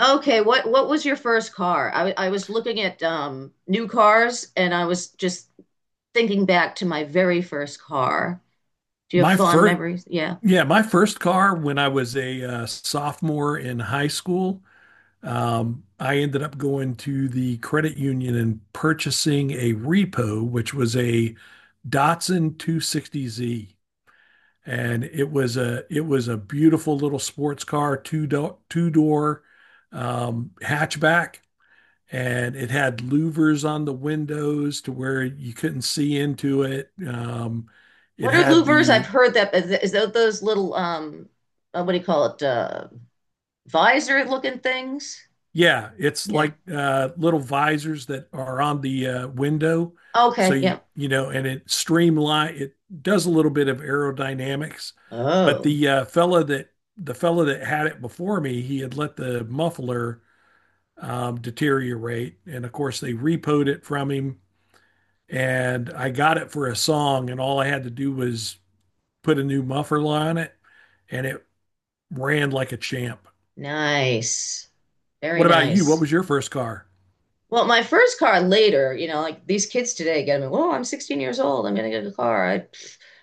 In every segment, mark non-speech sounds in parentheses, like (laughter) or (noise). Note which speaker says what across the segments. Speaker 1: Okay, what was your first car? I was looking at new cars and I was just thinking back to my very first car. Do you have
Speaker 2: My
Speaker 1: fond
Speaker 2: first,
Speaker 1: memories? Yeah.
Speaker 2: yeah, my first car when I was a sophomore in high school, I ended up going to the credit union and purchasing a repo, which was a Datsun 260Z, and it was a beautiful little sports car, two door hatchback, and it had louvers on the windows to where you couldn't see into it. It
Speaker 1: What are
Speaker 2: had
Speaker 1: louvers?
Speaker 2: the
Speaker 1: I've heard that is that those little what do you call it? Visor looking things?
Speaker 2: yeah, it's
Speaker 1: Yeah.
Speaker 2: like little visors that are on the window. So
Speaker 1: Okay, yeah.
Speaker 2: and it streamline it does a little bit of aerodynamics, but
Speaker 1: Oh,
Speaker 2: the fella that had it before me, he had let the muffler deteriorate, and of course they repoed it from him. And I got it for a song, and all I had to do was put a new muffler on it, and it ran like a champ.
Speaker 1: nice. Very
Speaker 2: What about you? What
Speaker 1: nice.
Speaker 2: was your first car?
Speaker 1: Well, my first car later, you know, like these kids today get me, oh, I'm 16 years old. I'm gonna get a car.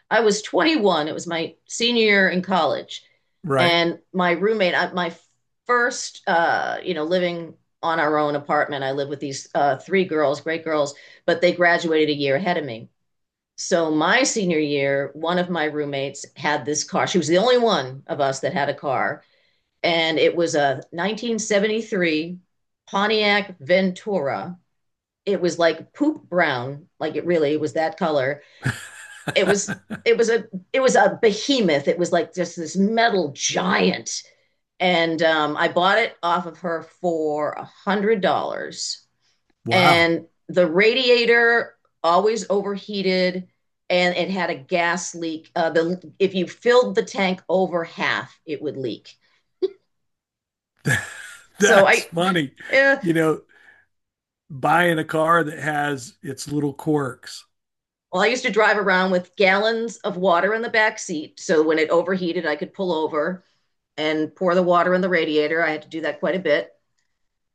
Speaker 1: I was 21. It was my senior year in college,
Speaker 2: Right.
Speaker 1: and my roommate, my first, you know, living on our own apartment. I lived with these three girls, great girls, but they graduated a year ahead of me. So my senior year, one of my roommates had this car. She was the only one of us that had a car, and it was a 1973 Pontiac Ventura. It was like poop brown, like it really was that color. it was it was a it was a behemoth. It was like just this metal giant. And I bought it off of her for $100,
Speaker 2: Wow.
Speaker 1: and the radiator always overheated, and it had a gas leak. The If you filled the tank over half it would leak.
Speaker 2: (laughs)
Speaker 1: so
Speaker 2: That's
Speaker 1: i
Speaker 2: funny.
Speaker 1: eh,
Speaker 2: You know, Buying a car that has its little quirks.
Speaker 1: well, I used to drive around with gallons of water in the back seat, so when it overheated I could pull over and pour the water in the radiator. I had to do that quite a bit.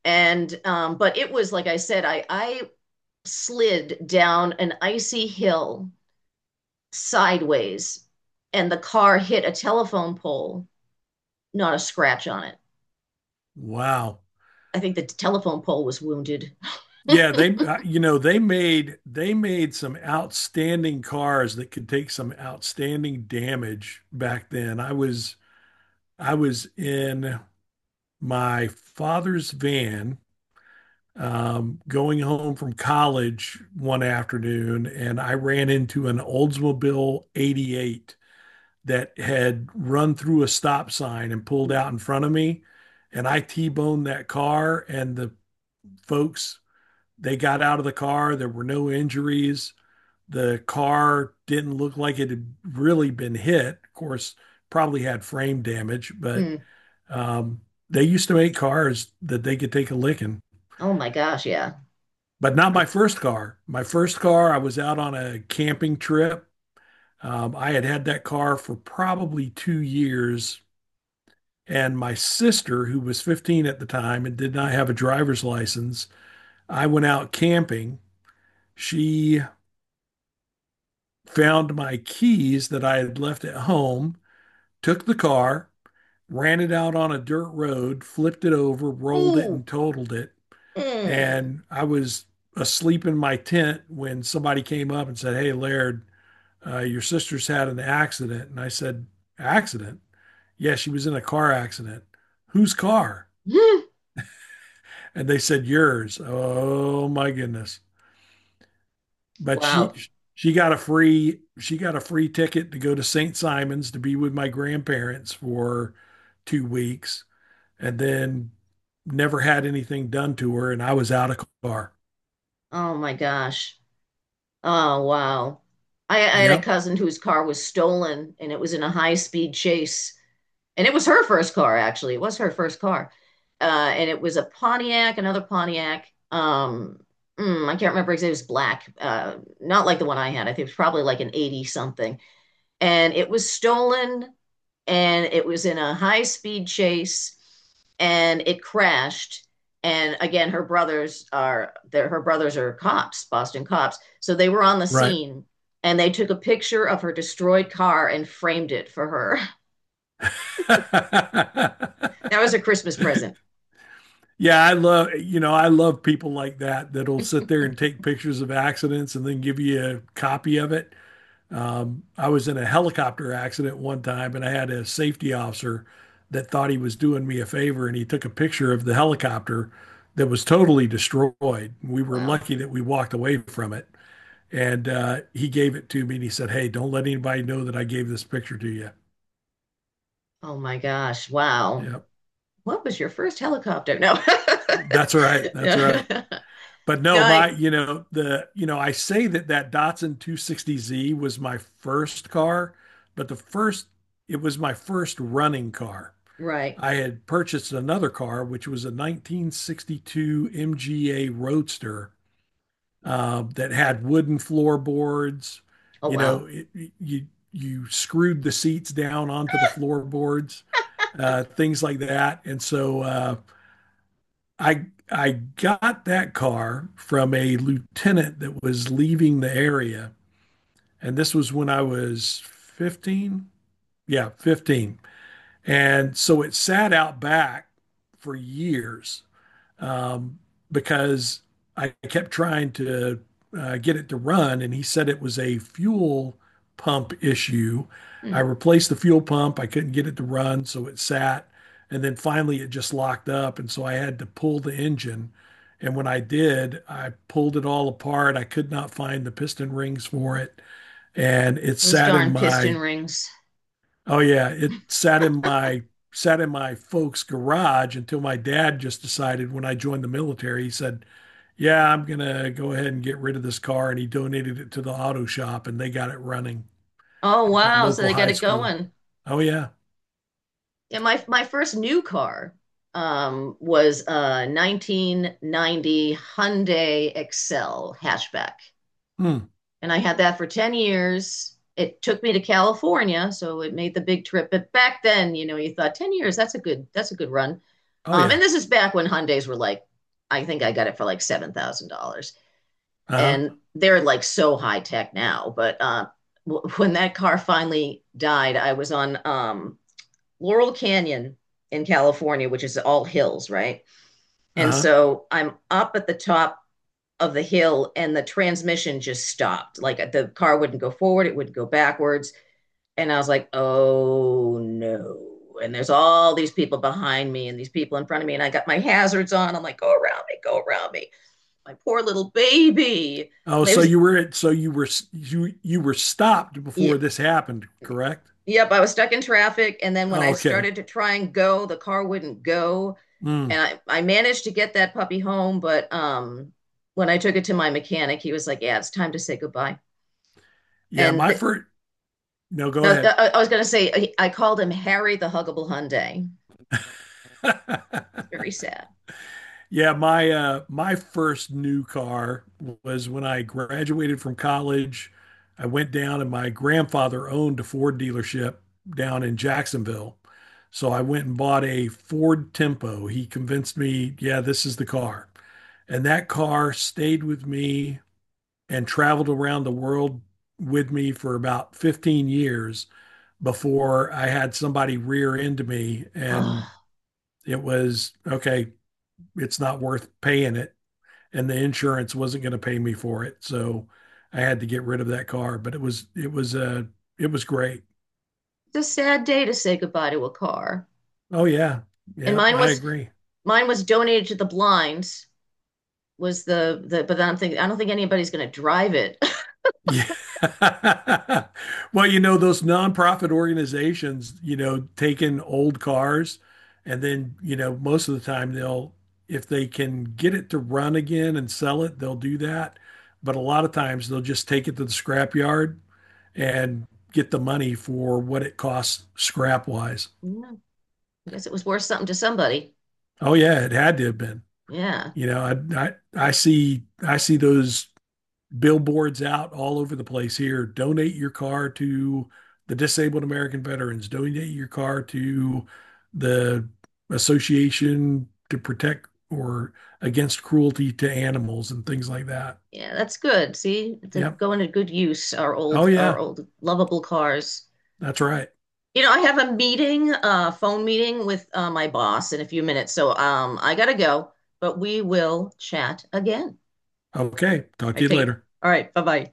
Speaker 1: And but it was like I said, I slid down an icy hill sideways, and the car hit a telephone pole. Not a scratch on it.
Speaker 2: Wow.
Speaker 1: I think the telephone pole was wounded. (laughs)
Speaker 2: Yeah, they you know, they made some outstanding cars that could take some outstanding damage back then. I was in my father's van going home from college one afternoon and I ran into an Oldsmobile 88 that had run through a stop sign and pulled out in front of me. And I T boned that car, and the folks, they got out of the car. There were no injuries. The car didn't look like it had really been hit. Of course, probably had frame damage, but
Speaker 1: Mm.
Speaker 2: um, they used to make cars that they could take a licking,
Speaker 1: Oh my gosh, yeah.
Speaker 2: but not my
Speaker 1: Um,
Speaker 2: first car. My first car, I was out on a camping trip. I had had that car for probably 2 years. And my sister, who was 15 at the time and did not have a driver's license, I went out camping. She found my keys that I had left at home, took the car, ran it out on a dirt road, flipped it over, rolled it,
Speaker 1: Ooh.
Speaker 2: and totaled it.
Speaker 1: Mm.
Speaker 2: And I was asleep in my tent when somebody came up and said, "Hey, Laird, your sister's had an accident." And I said, "Accident?" Yeah, she was in a car accident. Whose car?
Speaker 1: (laughs)
Speaker 2: And they said yours. Oh my goodness! But
Speaker 1: Wow.
Speaker 2: she got a free she got a free ticket to go to St. Simon's to be with my grandparents for 2 weeks, and then never had anything done to her, and I was out of car.
Speaker 1: Oh my gosh. Oh wow. I had a
Speaker 2: Yep,
Speaker 1: cousin whose car was stolen, and it was in a high speed chase, and it was her first car, actually. It was her first car, and it was a Pontiac, another Pontiac. I can't remember exactly. It was black, not like the one I had. I think it was probably like an 80 something, and it was stolen, and it was in a high speed chase, and it crashed. And again, her brothers are there. Her brothers are cops, Boston cops. So they were on the
Speaker 2: right.
Speaker 1: scene and they took a picture of her destroyed car and framed it for her. (laughs) That was
Speaker 2: (laughs)
Speaker 1: her Christmas present.
Speaker 2: Yeah, I love I love people like that that'll sit there and take pictures of accidents and then give you a copy of it. I was in a helicopter accident one time, and I had a safety officer that thought he was doing me a favor, and he took a picture of the helicopter that was totally destroyed. We were
Speaker 1: Wow.
Speaker 2: lucky that we walked away from it, and he gave it to me, and he said, "Hey, don't let anybody know that I gave this picture to you."
Speaker 1: Oh my gosh. Wow.
Speaker 2: Yeah,
Speaker 1: What was your first helicopter? No.
Speaker 2: that's all right. That's all right.
Speaker 1: (laughs)
Speaker 2: But
Speaker 1: No,
Speaker 2: no, my,
Speaker 1: I,
Speaker 2: you know, the, you know, I say that that Datsun 260Z was my first car, but the first, it was my first running car.
Speaker 1: right.
Speaker 2: I had purchased another car, which was a 1962 MGA Roadster that had wooden floorboards.
Speaker 1: Oh
Speaker 2: You know,
Speaker 1: wow.
Speaker 2: it, you screwed the seats down onto the floorboards, things like that. And so I got that car from a lieutenant that was leaving the area, and this was when I was 15. Yeah, 15. And so it sat out back for years um, because I kept trying to get it to run, and he said it was a fuel pump issue. I
Speaker 1: Hmm.
Speaker 2: replaced the fuel pump. I couldn't get it to run, so it sat. And then finally, it just locked up. And so I had to pull the engine. And when I did, I pulled it all apart. I could not find the piston rings for it. And it
Speaker 1: Those
Speaker 2: sat in
Speaker 1: darn piston
Speaker 2: my
Speaker 1: rings.
Speaker 2: oh yeah, it sat in my folks' garage until my dad just decided when I joined the military, he said, "Yeah, I'm gonna go ahead and get rid of this car," and he donated it to the auto shop, and they got it running
Speaker 1: Oh
Speaker 2: at the
Speaker 1: wow. So
Speaker 2: local
Speaker 1: they got
Speaker 2: high
Speaker 1: it
Speaker 2: school.
Speaker 1: going.
Speaker 2: Oh yeah,
Speaker 1: Yeah, my first new car was a 1990 Hyundai Excel hatchback.
Speaker 2: hmm.
Speaker 1: And I had that for 10 years. It took me to California, so it made the big trip. But back then, you know, you thought 10 years, that's a good run.
Speaker 2: Oh
Speaker 1: And
Speaker 2: yeah,
Speaker 1: this is back when Hyundai's were like, I think I got it for like $7,000.
Speaker 2: uh-huh,
Speaker 1: And they're like so high tech now. But when that car finally died, I was on Laurel Canyon in California, which is all hills, right? And
Speaker 2: uh-huh.
Speaker 1: so I'm up at the top of the hill and the transmission just stopped. Like the car wouldn't go forward, it would go backwards. And I was like, oh no. And there's all these people behind me and these people in front of me. And I got my hazards on. I'm like, go around me, go around me. My poor little baby.
Speaker 2: Oh,
Speaker 1: It
Speaker 2: so
Speaker 1: was,
Speaker 2: you were at, so you were stopped
Speaker 1: yeah,
Speaker 2: before this happened, correct?
Speaker 1: yep, I was stuck in traffic. And then when
Speaker 2: Oh,
Speaker 1: I
Speaker 2: okay.
Speaker 1: started to try and go, the car wouldn't go. And
Speaker 2: Hmm.
Speaker 1: I managed to get that puppy home. But when I took it to my mechanic, he was like, yeah, it's time to say goodbye.
Speaker 2: Yeah,
Speaker 1: And
Speaker 2: my first. No, go
Speaker 1: no,
Speaker 2: ahead.
Speaker 1: I was going to say I called him Harry the Huggable Hyundai. It's
Speaker 2: (laughs)
Speaker 1: very sad.
Speaker 2: Yeah, my my first new car was when I graduated from college. I went down and my grandfather owned a Ford dealership down in Jacksonville. So I went and bought a Ford Tempo. He convinced me, yeah, this is the car. And that car stayed with me and traveled around the world with me for about 15 years before I had somebody rear into me and
Speaker 1: Oh,
Speaker 2: it was okay, it's not worth paying it and the insurance wasn't going to pay me for it. So I had to get rid of that car, but it was great.
Speaker 1: it's a sad day to say goodbye to a car.
Speaker 2: Oh yeah.
Speaker 1: And
Speaker 2: Yeah, I agree.
Speaker 1: mine was donated to the blinds. Was the But I don't think anybody's going to drive it. (laughs)
Speaker 2: Yeah. (laughs) Well, you know, those nonprofit organizations, you know, take in old cars and then, you know, most of the time they'll if they can get it to run again and sell it, they'll do that. But a lot of times they'll just take it to the scrapyard and get the money for what it costs scrap wise.
Speaker 1: No, I guess it was worth something to somebody.
Speaker 2: Oh yeah, it had to have been.
Speaker 1: Yeah,
Speaker 2: You know, I I, I see those billboards out all over the place here. Donate your car to the disabled American veterans. Donate your car to the Association to Protect or Against Cruelty to Animals and things like that.
Speaker 1: yeah, that's good. See, to
Speaker 2: Yep.
Speaker 1: go into good use
Speaker 2: Oh
Speaker 1: our
Speaker 2: yeah,
Speaker 1: old lovable cars.
Speaker 2: that's right.
Speaker 1: You know, I have a meeting, a phone meeting with my boss in a few minutes, so I gotta go. But we will chat again.
Speaker 2: Okay. Talk
Speaker 1: I
Speaker 2: to you
Speaker 1: take it.
Speaker 2: later.
Speaker 1: All right, bye-bye.